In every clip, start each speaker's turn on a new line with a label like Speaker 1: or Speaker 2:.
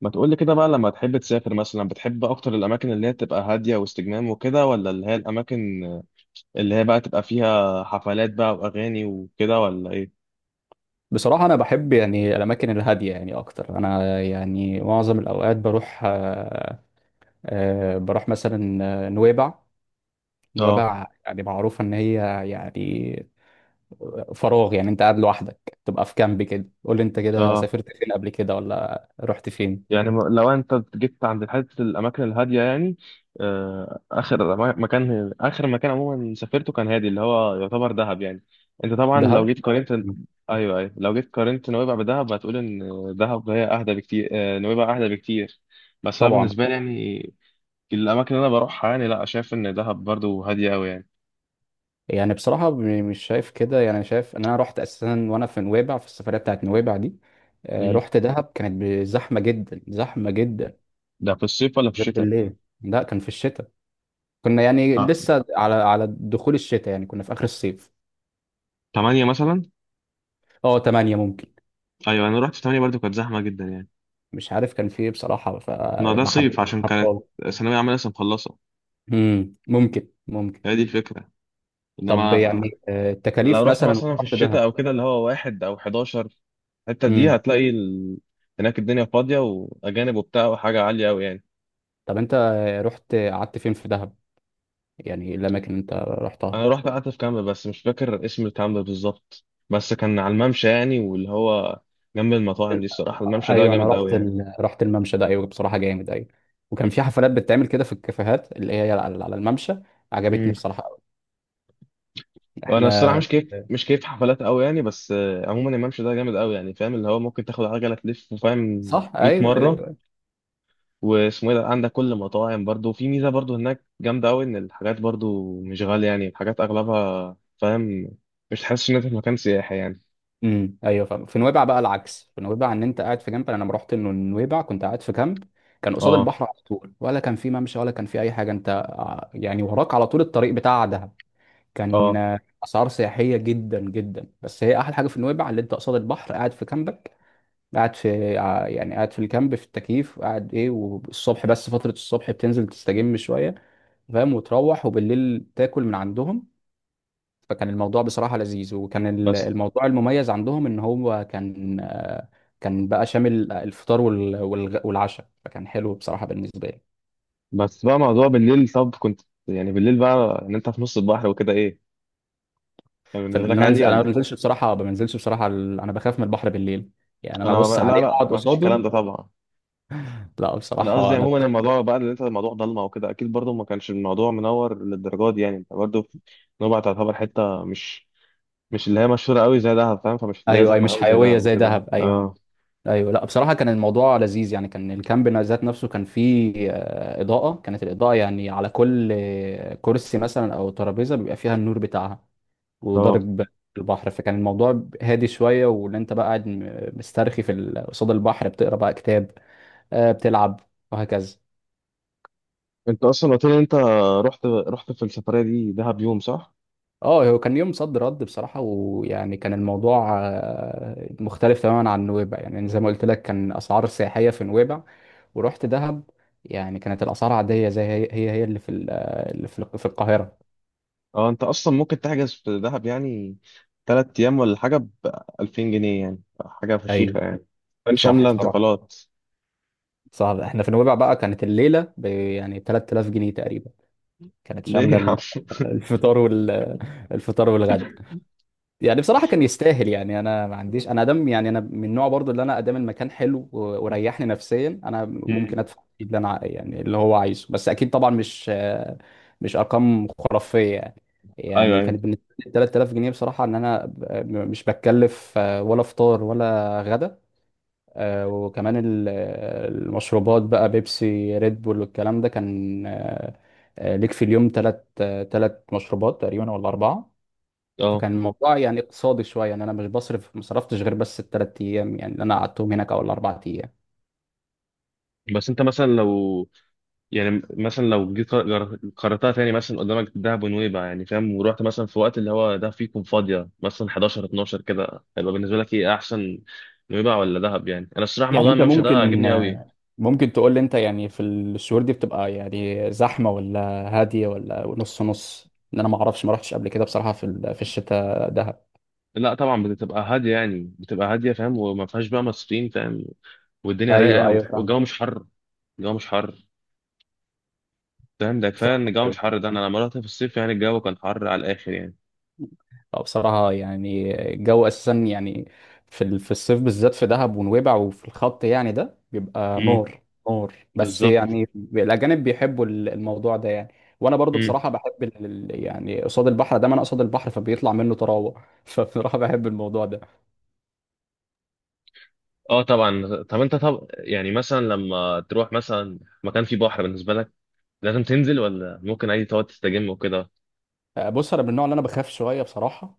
Speaker 1: ما تقول لي كده بقى، لما تحب تسافر مثلا، بتحب اكتر الاماكن اللي هي تبقى هاديه واستجمام وكده، ولا اللي هي الاماكن اللي هي بقى تبقى فيها حفلات بقى واغاني وكده، ولا ايه؟
Speaker 2: بصراحة أنا بحب يعني الأماكن الهادية يعني أكتر. أنا يعني معظم الأوقات بروح آه، آه، بروح مثلا آه، نويبع.
Speaker 1: اه،
Speaker 2: نويبع يعني معروفة إن هي يعني فراغ، يعني أنت قاعد لوحدك تبقى في كامب كده. قول لي أنت كده
Speaker 1: اه،
Speaker 2: سافرت فين قبل كده ولا رحت فين؟
Speaker 1: يعني لو انت جيت عند حته الاماكن الهاديه يعني، مكان اخر مكان عموما سافرته كان هادي، اللي هو يعتبر دهب يعني. انت طبعا
Speaker 2: دهب.
Speaker 1: لو جيت قارنت،
Speaker 2: مم.
Speaker 1: ايوه، ايوه، لو جيت قارنت نويبع بدهب هتقول ان دهب هي اهدى بكتير، نويبع اهدى بكتير. بس انا
Speaker 2: طبعا.
Speaker 1: بالنسبه لي يعني، الاماكن اللي انا بروحها يعني، لا شايف ان دهب برضو هاديه قوي يعني.
Speaker 2: يعني بصراحة مش شايف كده، يعني شايف إن أنا رحت أساسا وأنا في نويبع، في السفرية بتاعت نويبع دي
Speaker 1: امم
Speaker 2: رحت دهب. كانت زحمة جدا زحمة جدا
Speaker 1: ده في الصيف ولا في
Speaker 2: غير
Speaker 1: الشتاء؟
Speaker 2: بالليل. لا، كان في الشتاء، كنا يعني
Speaker 1: اه،
Speaker 2: لسه على على دخول الشتاء، يعني كنا في اخر الصيف.
Speaker 1: 8 مثلا.
Speaker 2: اه، 8 ممكن.
Speaker 1: ايوه، انا رحت في 8 برضو، كانت زحمه جدا يعني.
Speaker 2: مش عارف كان في ايه بصراحه،
Speaker 1: ما ده
Speaker 2: فما
Speaker 1: صيف
Speaker 2: حبيتش
Speaker 1: عشان
Speaker 2: العب
Speaker 1: كانت
Speaker 2: خالص.
Speaker 1: ثانويه عامه لسه مخلصه.
Speaker 2: ممكن ممكن.
Speaker 1: هي دي الفكره،
Speaker 2: طب
Speaker 1: انما،
Speaker 2: يعني
Speaker 1: لو
Speaker 2: التكاليف
Speaker 1: رحت
Speaker 2: مثلا.
Speaker 1: مثلا في
Speaker 2: رحت
Speaker 1: الشتاء
Speaker 2: دهب.
Speaker 1: او كده، اللي هو واحد او 11، الحته دي
Speaker 2: امم.
Speaker 1: هتلاقي هناك الدنيا فاضيه واجانب وبتاع، وحاجه عاليه قوي يعني.
Speaker 2: طب انت رحت قعدت فين في دهب؟ يعني إيه الاماكن اللي انت رحتها؟
Speaker 1: انا رحت قعدت في كامب، بس مش فاكر اسم الكامب بالظبط. بس كان على الممشى يعني، واللي هو جنب المطاعم دي. الصراحه الممشى ده
Speaker 2: ايوه، انا
Speaker 1: جامد قوي
Speaker 2: رحت
Speaker 1: يعني.
Speaker 2: رحت الممشى ده، ايوه بصراحه جامد، ايوه. وكان في حفلات بتتعمل كده في الكافيهات اللي هي على على الممشى. عجبتني
Speaker 1: امم
Speaker 2: بصراحه قوي.
Speaker 1: وانا الصراحه
Speaker 2: احنا.
Speaker 1: مش كيف حفلات قوي يعني، بس عموما الممشى ده جامد قوي يعني، فاهم اللي هو ممكن تاخد عجله تلف، فاهم؟
Speaker 2: صح،
Speaker 1: 100
Speaker 2: ايوه
Speaker 1: مره.
Speaker 2: ايوه.
Speaker 1: واسمه ايه ده، عندك كل مطاعم برضو، في ميزه برضو هناك جامده قوي ان الحاجات برضو مش غاليه يعني، الحاجات اغلبها، فاهم؟ مش تحس ان انت في مكان سياحي يعني.
Speaker 2: امم. ايوه فاهم. في نويبع بقى العكس، في نويبع ان انت قاعد في كامب. انا لما رحت انه نويبع كنت قاعد في كامب، كان قصاد
Speaker 1: اه،
Speaker 2: البحر على طول، ولا كان في ممشى، ولا كان في اي حاجه. انت يعني وراك على طول الطريق بتاع دهب. كان
Speaker 1: اه،
Speaker 2: اسعار سياحيه جدا جدا، بس هي احلى حاجه في نويبع اللي انت قصاد البحر، قاعد في كامبك، قاعد في يعني قاعد في الكامب في التكييف، قاعد ايه، والصبح، بس فتره الصبح بتنزل تستجم شويه، فاهم، وتروح، وبالليل تاكل من عندهم. فكان الموضوع بصراحة لذيذ. وكان
Speaker 1: بس
Speaker 2: الموضوع المميز عندهم ان هو كان كان بقى شامل الفطار والعشاء، فكان حلو بصراحة بالنسبة لي.
Speaker 1: بس بقى موضوع بالليل، طب كنت، يعني بالليل بقى ان انت في نص البحر وكده، ايه؟ كان
Speaker 2: فان
Speaker 1: بالنسبه لك
Speaker 2: انا
Speaker 1: عادي
Speaker 2: انزل، انا ما
Speaker 1: ولا؟
Speaker 2: بنزلش بصراحة، ما بنزلش بصراحة انا بخاف من البحر بالليل. يعني انا
Speaker 1: انا ما
Speaker 2: ابص
Speaker 1: بقى، لا،
Speaker 2: عليه
Speaker 1: لا،
Speaker 2: اقعد
Speaker 1: ما فيش
Speaker 2: قصاده.
Speaker 1: الكلام ده طبعا.
Speaker 2: لا
Speaker 1: انا قصدي
Speaker 2: بصراحة
Speaker 1: يعني عموما الموضوع بقى، اللي انت الموضوع ضلمه وكده، اكيد برضو ما كانش الموضوع منور للدرجه دي يعني، انت برضو، نوبة تعتبر حته مش اللي هي مشهوره قوي زي دهب، فاهم؟ فمش اللي هي
Speaker 2: ايوه. اي
Speaker 1: زحمه
Speaker 2: مش
Speaker 1: قوي زي
Speaker 2: حيوية
Speaker 1: دهب
Speaker 2: زي
Speaker 1: وكده،
Speaker 2: دهب، ايوه
Speaker 1: اه.
Speaker 2: ايوه. لا بصراحة كان الموضوع لذيذ. يعني كان الكامب ذات نفسه كان فيه إضاءة، كانت الإضاءة يعني على كل كرسي مثلا او ترابيزة بيبقى فيها النور بتاعها
Speaker 1: اه،
Speaker 2: وضارب البحر، فكان الموضوع هادي شوية، وان انت بقى قاعد مسترخي في قصاد البحر، بتقرا بقى كتاب، بتلعب، وهكذا.
Speaker 1: انت اصلا قلت لي إن انت رحت في السفريه دي دهب يوم، صح؟
Speaker 2: اه هو كان يوم صد رد بصراحة. ويعني كان الموضوع مختلف تماما عن نويبع، يعني زي ما قلت لك كان أسعار سياحية في نويبع، ورحت دهب يعني كانت الأسعار عادية زي هي هي اللي في في القاهرة.
Speaker 1: اه، انت اصلا ممكن تحجز في دهب يعني 3 ايام ولا حاجه ب 2000 جنيه، يعني حاجه
Speaker 2: ايوه
Speaker 1: فشيخه يعني. كان
Speaker 2: صح
Speaker 1: شامله
Speaker 2: بصراحة.
Speaker 1: انتقالات؟
Speaker 2: صعب. احنا في نويبع بقى كانت الليلة ب يعني 3000 جنيه تقريبا، كانت
Speaker 1: ليه يا عم؟
Speaker 2: شاملة الفطار وال الفطار والغدا. يعني بصراحه كان يستاهل. يعني انا ما عنديش، انا ادم، يعني انا من النوع برضو اللي انا ادام المكان حلو وريحني نفسيا، انا ممكن
Speaker 1: مم.
Speaker 2: ادفع فيه اللي انا يعني اللي هو عايزه، بس اكيد طبعا مش ارقام خرافيه يعني.
Speaker 1: ايوه،
Speaker 2: يعني
Speaker 1: ايوه،
Speaker 2: كانت بالنسبه لي 3000 جنيه بصراحه، ان انا مش بتكلف ولا فطار ولا غدا. وكمان المشروبات بقى، بيبسي ريد بول والكلام ده، كان ليك في اليوم ثلاث مشروبات تقريبا ولا أربعة.
Speaker 1: اه،
Speaker 2: فكان الموضوع يعني اقتصادي شوية، يعني أنا مش بصرف مصرفتش غير بس الثلاث أيام، يعني اللي أنا قعدتهم هناك، أو الأربع أيام.
Speaker 1: بس انت مثلا لو، يعني مثلا لو جيت قررتها تاني، مثلا قدامك دهب ونويبع، يعني فاهم، ورحت مثلا في وقت اللي هو ده فيكم فاضية، مثلا 11، 12 كده، هيبقى بالنسبة لك ايه احسن؟ نويبع ولا دهب؟ يعني انا الصراحة
Speaker 2: يعني
Speaker 1: موضوع
Speaker 2: أنت
Speaker 1: الممشى ده
Speaker 2: ممكن
Speaker 1: عاجبني قوي.
Speaker 2: ممكن تقول لي أنت، يعني في الشهور دي بتبقى يعني زحمة ولا هادية ولا نص نص؟ إن أنا ما أعرفش، ما رحتش قبل كده بصراحة في في الشتاء دهب.
Speaker 1: لا طبعا، بتبقى هادية يعني بتبقى هادية فاهم، وما فيهاش بقى مصريين، فاهم؟ والدنيا
Speaker 2: أيوه
Speaker 1: رايقة،
Speaker 2: أيوه فاهم.
Speaker 1: والجو مش حر. الجو مش حر. فاهم، ده كفاية ان الجو
Speaker 2: فاهم.
Speaker 1: مش حر. ده انا لما رحت في الصيف يعني الجو كان حر على الاخر يعني.
Speaker 2: اه بصراحة يعني الجو أساسا يعني في في الصيف بالذات في دهب ونويبع وفي الخط يعني، ده بيبقى
Speaker 1: امم،
Speaker 2: نار نار. بس
Speaker 1: بالظبط.
Speaker 2: يعني الأجانب بيحبوا الموضوع ده يعني. وأنا برضو بصراحة بحب يعني قصاد البحر ده، ما أنا قصاد البحر فبيطلع منه طراوة فبصراحة بحب الموضوع ده.
Speaker 1: اه طبعا، طب انت، طب يعني مثلا لما تروح مثلا مكان فيه بحر، بالنسبه لك لازم تنزل ولا ممكن عادي تقعد تستجم وكده؟
Speaker 2: بص، أنا من النوع اللي أنا بخاف شوية بصراحة.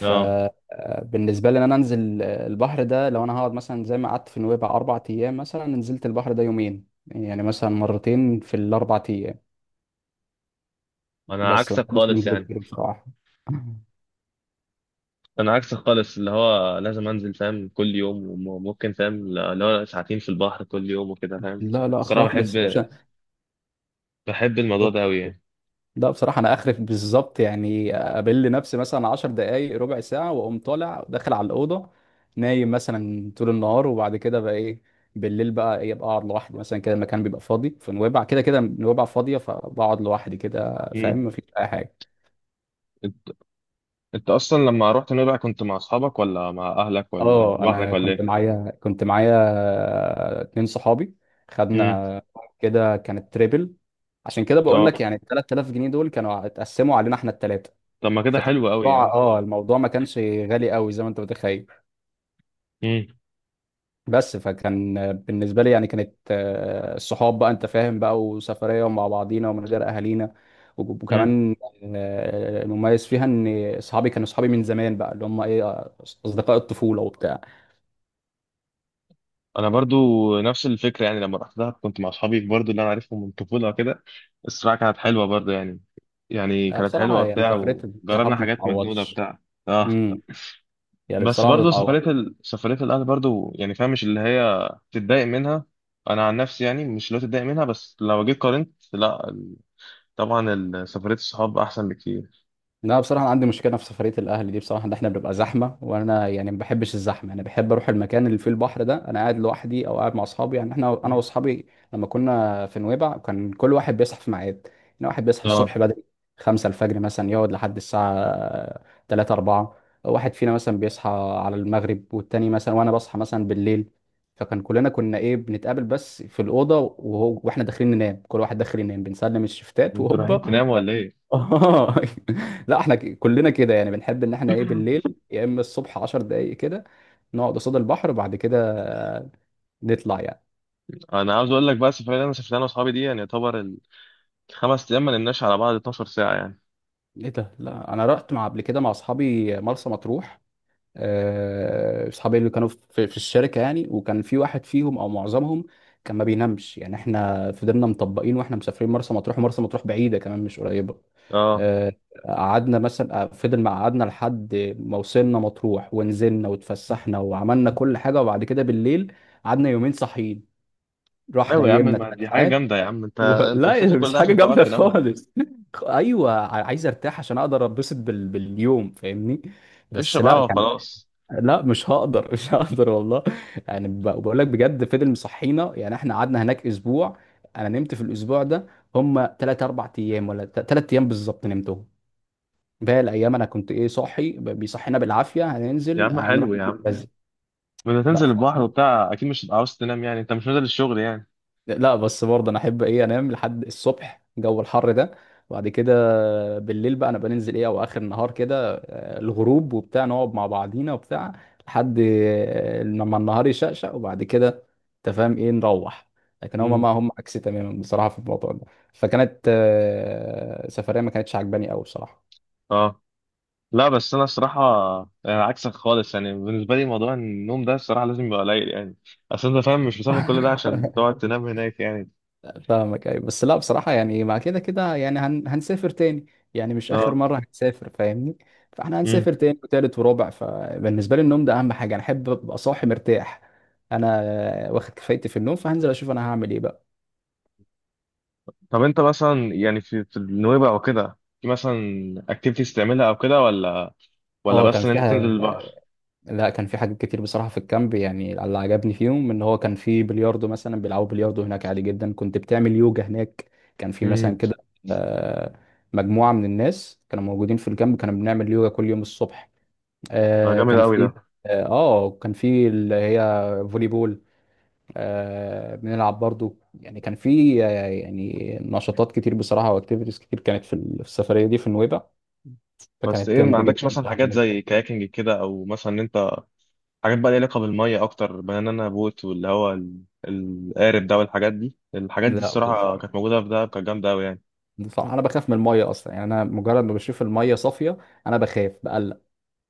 Speaker 1: اه،
Speaker 2: لي إن أنا أنزل البحر ده، لو أنا هقعد مثلا زي ما قعدت في نويبع 4 أيام مثلا، نزلت البحر ده يومين، يعني مثلا مرتين في الأربع أيام.
Speaker 1: انا
Speaker 2: بس ما
Speaker 1: عكسك
Speaker 2: بحبش
Speaker 1: خالص
Speaker 2: منظره
Speaker 1: يعني.
Speaker 2: كتير بصراحه.
Speaker 1: انا عكسك خالص، اللي هو لازم انزل فاهم، كل يوم، وممكن فاهم اللي هو ساعتين في البحر كل يوم وكده، فاهم.
Speaker 2: لا لا
Speaker 1: الصراحه بحب
Speaker 2: خالص،
Speaker 1: بحب الموضوع ده قوي يعني.
Speaker 2: لا بصراحه انا اخرف بالظبط. يعني اقابل نفسي مثلا 10 دقائق ربع ساعه، واقوم طالع داخل على الاوضه، نايم مثلا طول النهار. وبعد كده بقى ايه؟ بالليل بقى ايه؟ ابقى اقعد لوحدي مثلا كده، المكان بيبقى فاضي في نويبع، كده كده نويبع فاضيه، فبقعد لوحدي كده،
Speaker 1: مم.
Speaker 2: فاهم، مفيش اي حاجه.
Speaker 1: انت انت اصلا لما رحت نويبع كنت مع اصحابك ولا مع اهلك ولا
Speaker 2: اه
Speaker 1: لوحدك
Speaker 2: انا
Speaker 1: ولا ايه؟
Speaker 2: كنت معايا اتنين صحابي،
Speaker 1: امم
Speaker 2: خدنا كده، كانت تريبل. عشان كده بقول لك
Speaker 1: اه،
Speaker 2: يعني ال 3000 جنيه دول كانوا اتقسموا علينا احنا الثلاثه.
Speaker 1: طب ما كده
Speaker 2: فكان
Speaker 1: حلو قوي يعني.
Speaker 2: الموضوع اه الموضوع ما كانش غالي قوي زي ما انت متخيل. بس فكان بالنسبه لي يعني كانت الصحاب بقى، انت فاهم بقى، وسفريه ومع بعضينا ومن غير اهالينا.
Speaker 1: امم
Speaker 2: وكمان المميز فيها ان صحابي كانوا صحابي من زمان، بقى اللي هم ايه اصدقاء الطفوله وبتاع.
Speaker 1: انا برضو نفس الفكره، يعني لما رحت دهب كنت مع اصحابي برضو اللي انا عارفهم من الطفوله كده. الصراحه كانت حلوه برضو يعني. يعني
Speaker 2: لا
Speaker 1: كانت
Speaker 2: بصراحة
Speaker 1: حلوه
Speaker 2: يعني
Speaker 1: بتاع،
Speaker 2: سفرية
Speaker 1: وجربنا
Speaker 2: الصحاب ما
Speaker 1: حاجات مجنونه
Speaker 2: تتعوضش.
Speaker 1: بتاع. اه،
Speaker 2: امم. يعني
Speaker 1: بس
Speaker 2: بصراحة ما
Speaker 1: برضو
Speaker 2: تتعوضش.
Speaker 1: سفريه الاهل برضو يعني فاهم، مش اللي هي تتضايق منها. انا عن نفسي يعني مش اللي هو تتضايق منها، بس لو جيت قارنت، لا، طبعا، سفريه الصحاب احسن بكتير.
Speaker 2: لا بصراحة أنا عندي مشكلة في سفرية الأهل دي، بصراحة إن إحنا بنبقى زحمة وأنا يعني ما بحبش الزحمة. أنا بحب أروح المكان اللي فيه البحر ده أنا قاعد لوحدي، أو قاعد مع أصحابي. يعني إحنا أنا وأصحابي لما كنا في نويبع كان كل واحد بيصحى في ميعاد. يعني واحد بيصحى الصبح
Speaker 1: اه،
Speaker 2: بدري، خمسة الفجر مثلا، يقعد لحد الساعة تلاتة أربعة. واحد فينا مثلا بيصحى على المغرب، والتاني مثلا، وأنا بصحى مثلا بالليل. فكان كلنا كنا إيه، بنتقابل بس في الأوضة، وهو وإحنا داخلين ننام، كل واحد داخل ينام بنسلم الشفتات
Speaker 1: انتوا رايحين
Speaker 2: وهوبا.
Speaker 1: تناموا ولا ايه؟
Speaker 2: اه لا احنا كلنا كده يعني، بنحب ان احنا ايه بالليل، يا اما الصبح 10 دقايق كده نقعد قصاد البحر، وبعد كده نطلع يعني.
Speaker 1: انا عاوز اقول لك بقى السفريه اللي انا سافرتها انا واصحابي دي يعني يعتبر ال5 ايام ما نمناش على بعض 12 ساعه يعني.
Speaker 2: ايه ده. لا انا رحت مع، قبل كده مع اصحابي مرسى مطروح. اصحابي اللي كانوا في في الشركه يعني، وكان في واحد فيهم او معظمهم كان ما بينامش. يعني احنا فضلنا مطبقين واحنا مسافرين مرسى مطروح، ومرسى مطروح بعيده كمان مش قريبه.
Speaker 1: اه،
Speaker 2: آه، قعدنا مثلا فضل ما قعدنا لحد ما وصلنا مطروح، ونزلنا واتفسحنا وعملنا كل حاجه، وبعد كده بالليل قعدنا يومين صاحيين، رحنا
Speaker 1: ايوه يا عم،
Speaker 2: نيمنا
Speaker 1: ما دي
Speaker 2: ثلاث
Speaker 1: حاجه
Speaker 2: ساعات
Speaker 1: جامده يا عم، انت انت
Speaker 2: لا
Speaker 1: مسافر كل
Speaker 2: مش
Speaker 1: ده
Speaker 2: حاجه
Speaker 1: عشان تقعد
Speaker 2: جامده
Speaker 1: تنام؟
Speaker 2: خالص. ايوه عايز ارتاح عشان اقدر اتبسط باليوم، فاهمني. بس
Speaker 1: اشرب
Speaker 2: لا
Speaker 1: قهوه
Speaker 2: كان.
Speaker 1: وخلاص.
Speaker 2: لا مش هقدر مش هقدر والله. يعني بقول لك بجد فضل مصحينا. يعني احنا قعدنا هناك اسبوع، انا نمت في الاسبوع ده هم 3 4 ايام، ولا 3 ايام بالظبط نمتهم. باقي الايام انا كنت ايه، صاحي، بيصحينا بالعافيه،
Speaker 1: يا
Speaker 2: هننزل،
Speaker 1: عم حلو
Speaker 2: هنروح
Speaker 1: يا
Speaker 2: نجيب
Speaker 1: عم،
Speaker 2: كذا.
Speaker 1: بدنا تنزل
Speaker 2: لا
Speaker 1: البحر وبتاع، اكيد مش هتبقى عاوز تنام يعني، انت مش نازل الشغل يعني.
Speaker 2: لا، بس برضه انا احب ايه، انام لحد الصبح جو الحر ده، وبعد كده بالليل بقى انا بننزل ايه، او اخر النهار كده الغروب وبتاع، نقعد مع بعضينا وبتاع لحد لما النهار يشقشق، وبعد كده انت فاهم ايه، نروح. لكن هما
Speaker 1: امم
Speaker 2: ما هم عكسي تماما بصراحة في الموضوع ده. فكانت سفرية ما كانتش عجباني قوي بصراحة.
Speaker 1: اه، لا، بس انا الصراحه يعني عكسك خالص يعني، بالنسبه لي موضوع النوم ده الصراحه لازم يبقى قليل يعني. اصل انت فاهم مش مسافر كل ده عشان تقعد تنام هناك يعني.
Speaker 2: فاهمك، ايوه. بس لا بصراحة يعني مع كده كده يعني هنسافر تاني، يعني مش آخر
Speaker 1: اه،
Speaker 2: مرة هنسافر فاهمني. فاحنا هنسافر
Speaker 1: امم
Speaker 2: تاني وتالت ورابع، فبالنسبة لي النوم ده أهم حاجة. أنا أحب أبقى صاحي مرتاح، أنا واخد كفايتي في النوم، فهنزل أشوف أنا هعمل إيه بقى.
Speaker 1: طب انت مثلا يعني في النويبع وكده، في مثلا اكتيفيتيز تعملها او كده ولا؟ ولا
Speaker 2: اه كان
Speaker 1: بس ان
Speaker 2: في
Speaker 1: انت تنزل البحر؟
Speaker 2: لا كان في حاجات كتير بصراحة في الكامب، يعني اللي عجبني فيهم إن هو كان في بلياردو مثلا، بيلعبوا بلياردو هناك عادي جدا. كنت بتعمل يوجا هناك، كان في مثلا
Speaker 1: امم،
Speaker 2: كده آه، مجموعة من الناس كانوا موجودين في الكامب، كانوا بنعمل يوجا كل يوم الصبح.
Speaker 1: ده
Speaker 2: آه
Speaker 1: جامد
Speaker 2: كان
Speaker 1: قوي
Speaker 2: في
Speaker 1: ده.
Speaker 2: كان في اللي هي فولي بول، بنلعب برضو. يعني كان في يعني نشاطات كتير بصراحة واكتيفيتيز كتير كانت في في السفرية دي في نويبع.
Speaker 1: بس
Speaker 2: فكانت
Speaker 1: ايه، ما
Speaker 2: جامدة
Speaker 1: عندكش
Speaker 2: جدا
Speaker 1: مثلا
Speaker 2: بصراحة
Speaker 1: حاجات
Speaker 2: بالنسبة
Speaker 1: زي كاياكينج كده، او مثلا ان انت حاجات بقى ليها علاقه بالميه اكتر، بنانا بوت واللي هو القارب ده، والحاجات دي الحاجات دي
Speaker 2: لي. لا
Speaker 1: الصراحه
Speaker 2: بصراحة.
Speaker 1: كانت موجوده في دهب، كانت جامده قوي يعني.
Speaker 2: أنا بخاف من المية أصلا، يعني أنا مجرد ما بشوف المية صافية أنا بخاف بقلق.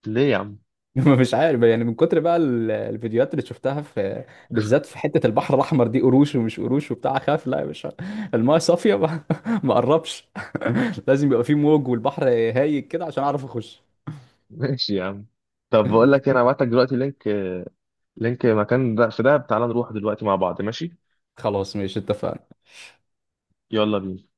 Speaker 1: ليه يا عم؟
Speaker 2: مش عارف، يعني من كتر بقى الفيديوهات اللي شفتها في بالذات في حتة البحر الأحمر دي، قروش ومش قروش وبتاع، خاف لا يا باشا المايه صافية، ما ما قربش. لازم يبقى في موج والبحر هايج كده عشان أعرف أخش.
Speaker 1: ماشي يا عم. طب بقول لك إيه، انا هبعت لك دلوقتي لينك، مكان ده في دهب، تعالى نروح دلوقتي مع بعض، ماشي؟
Speaker 2: خلاص ماشي اتفقنا.
Speaker 1: يلا بينا.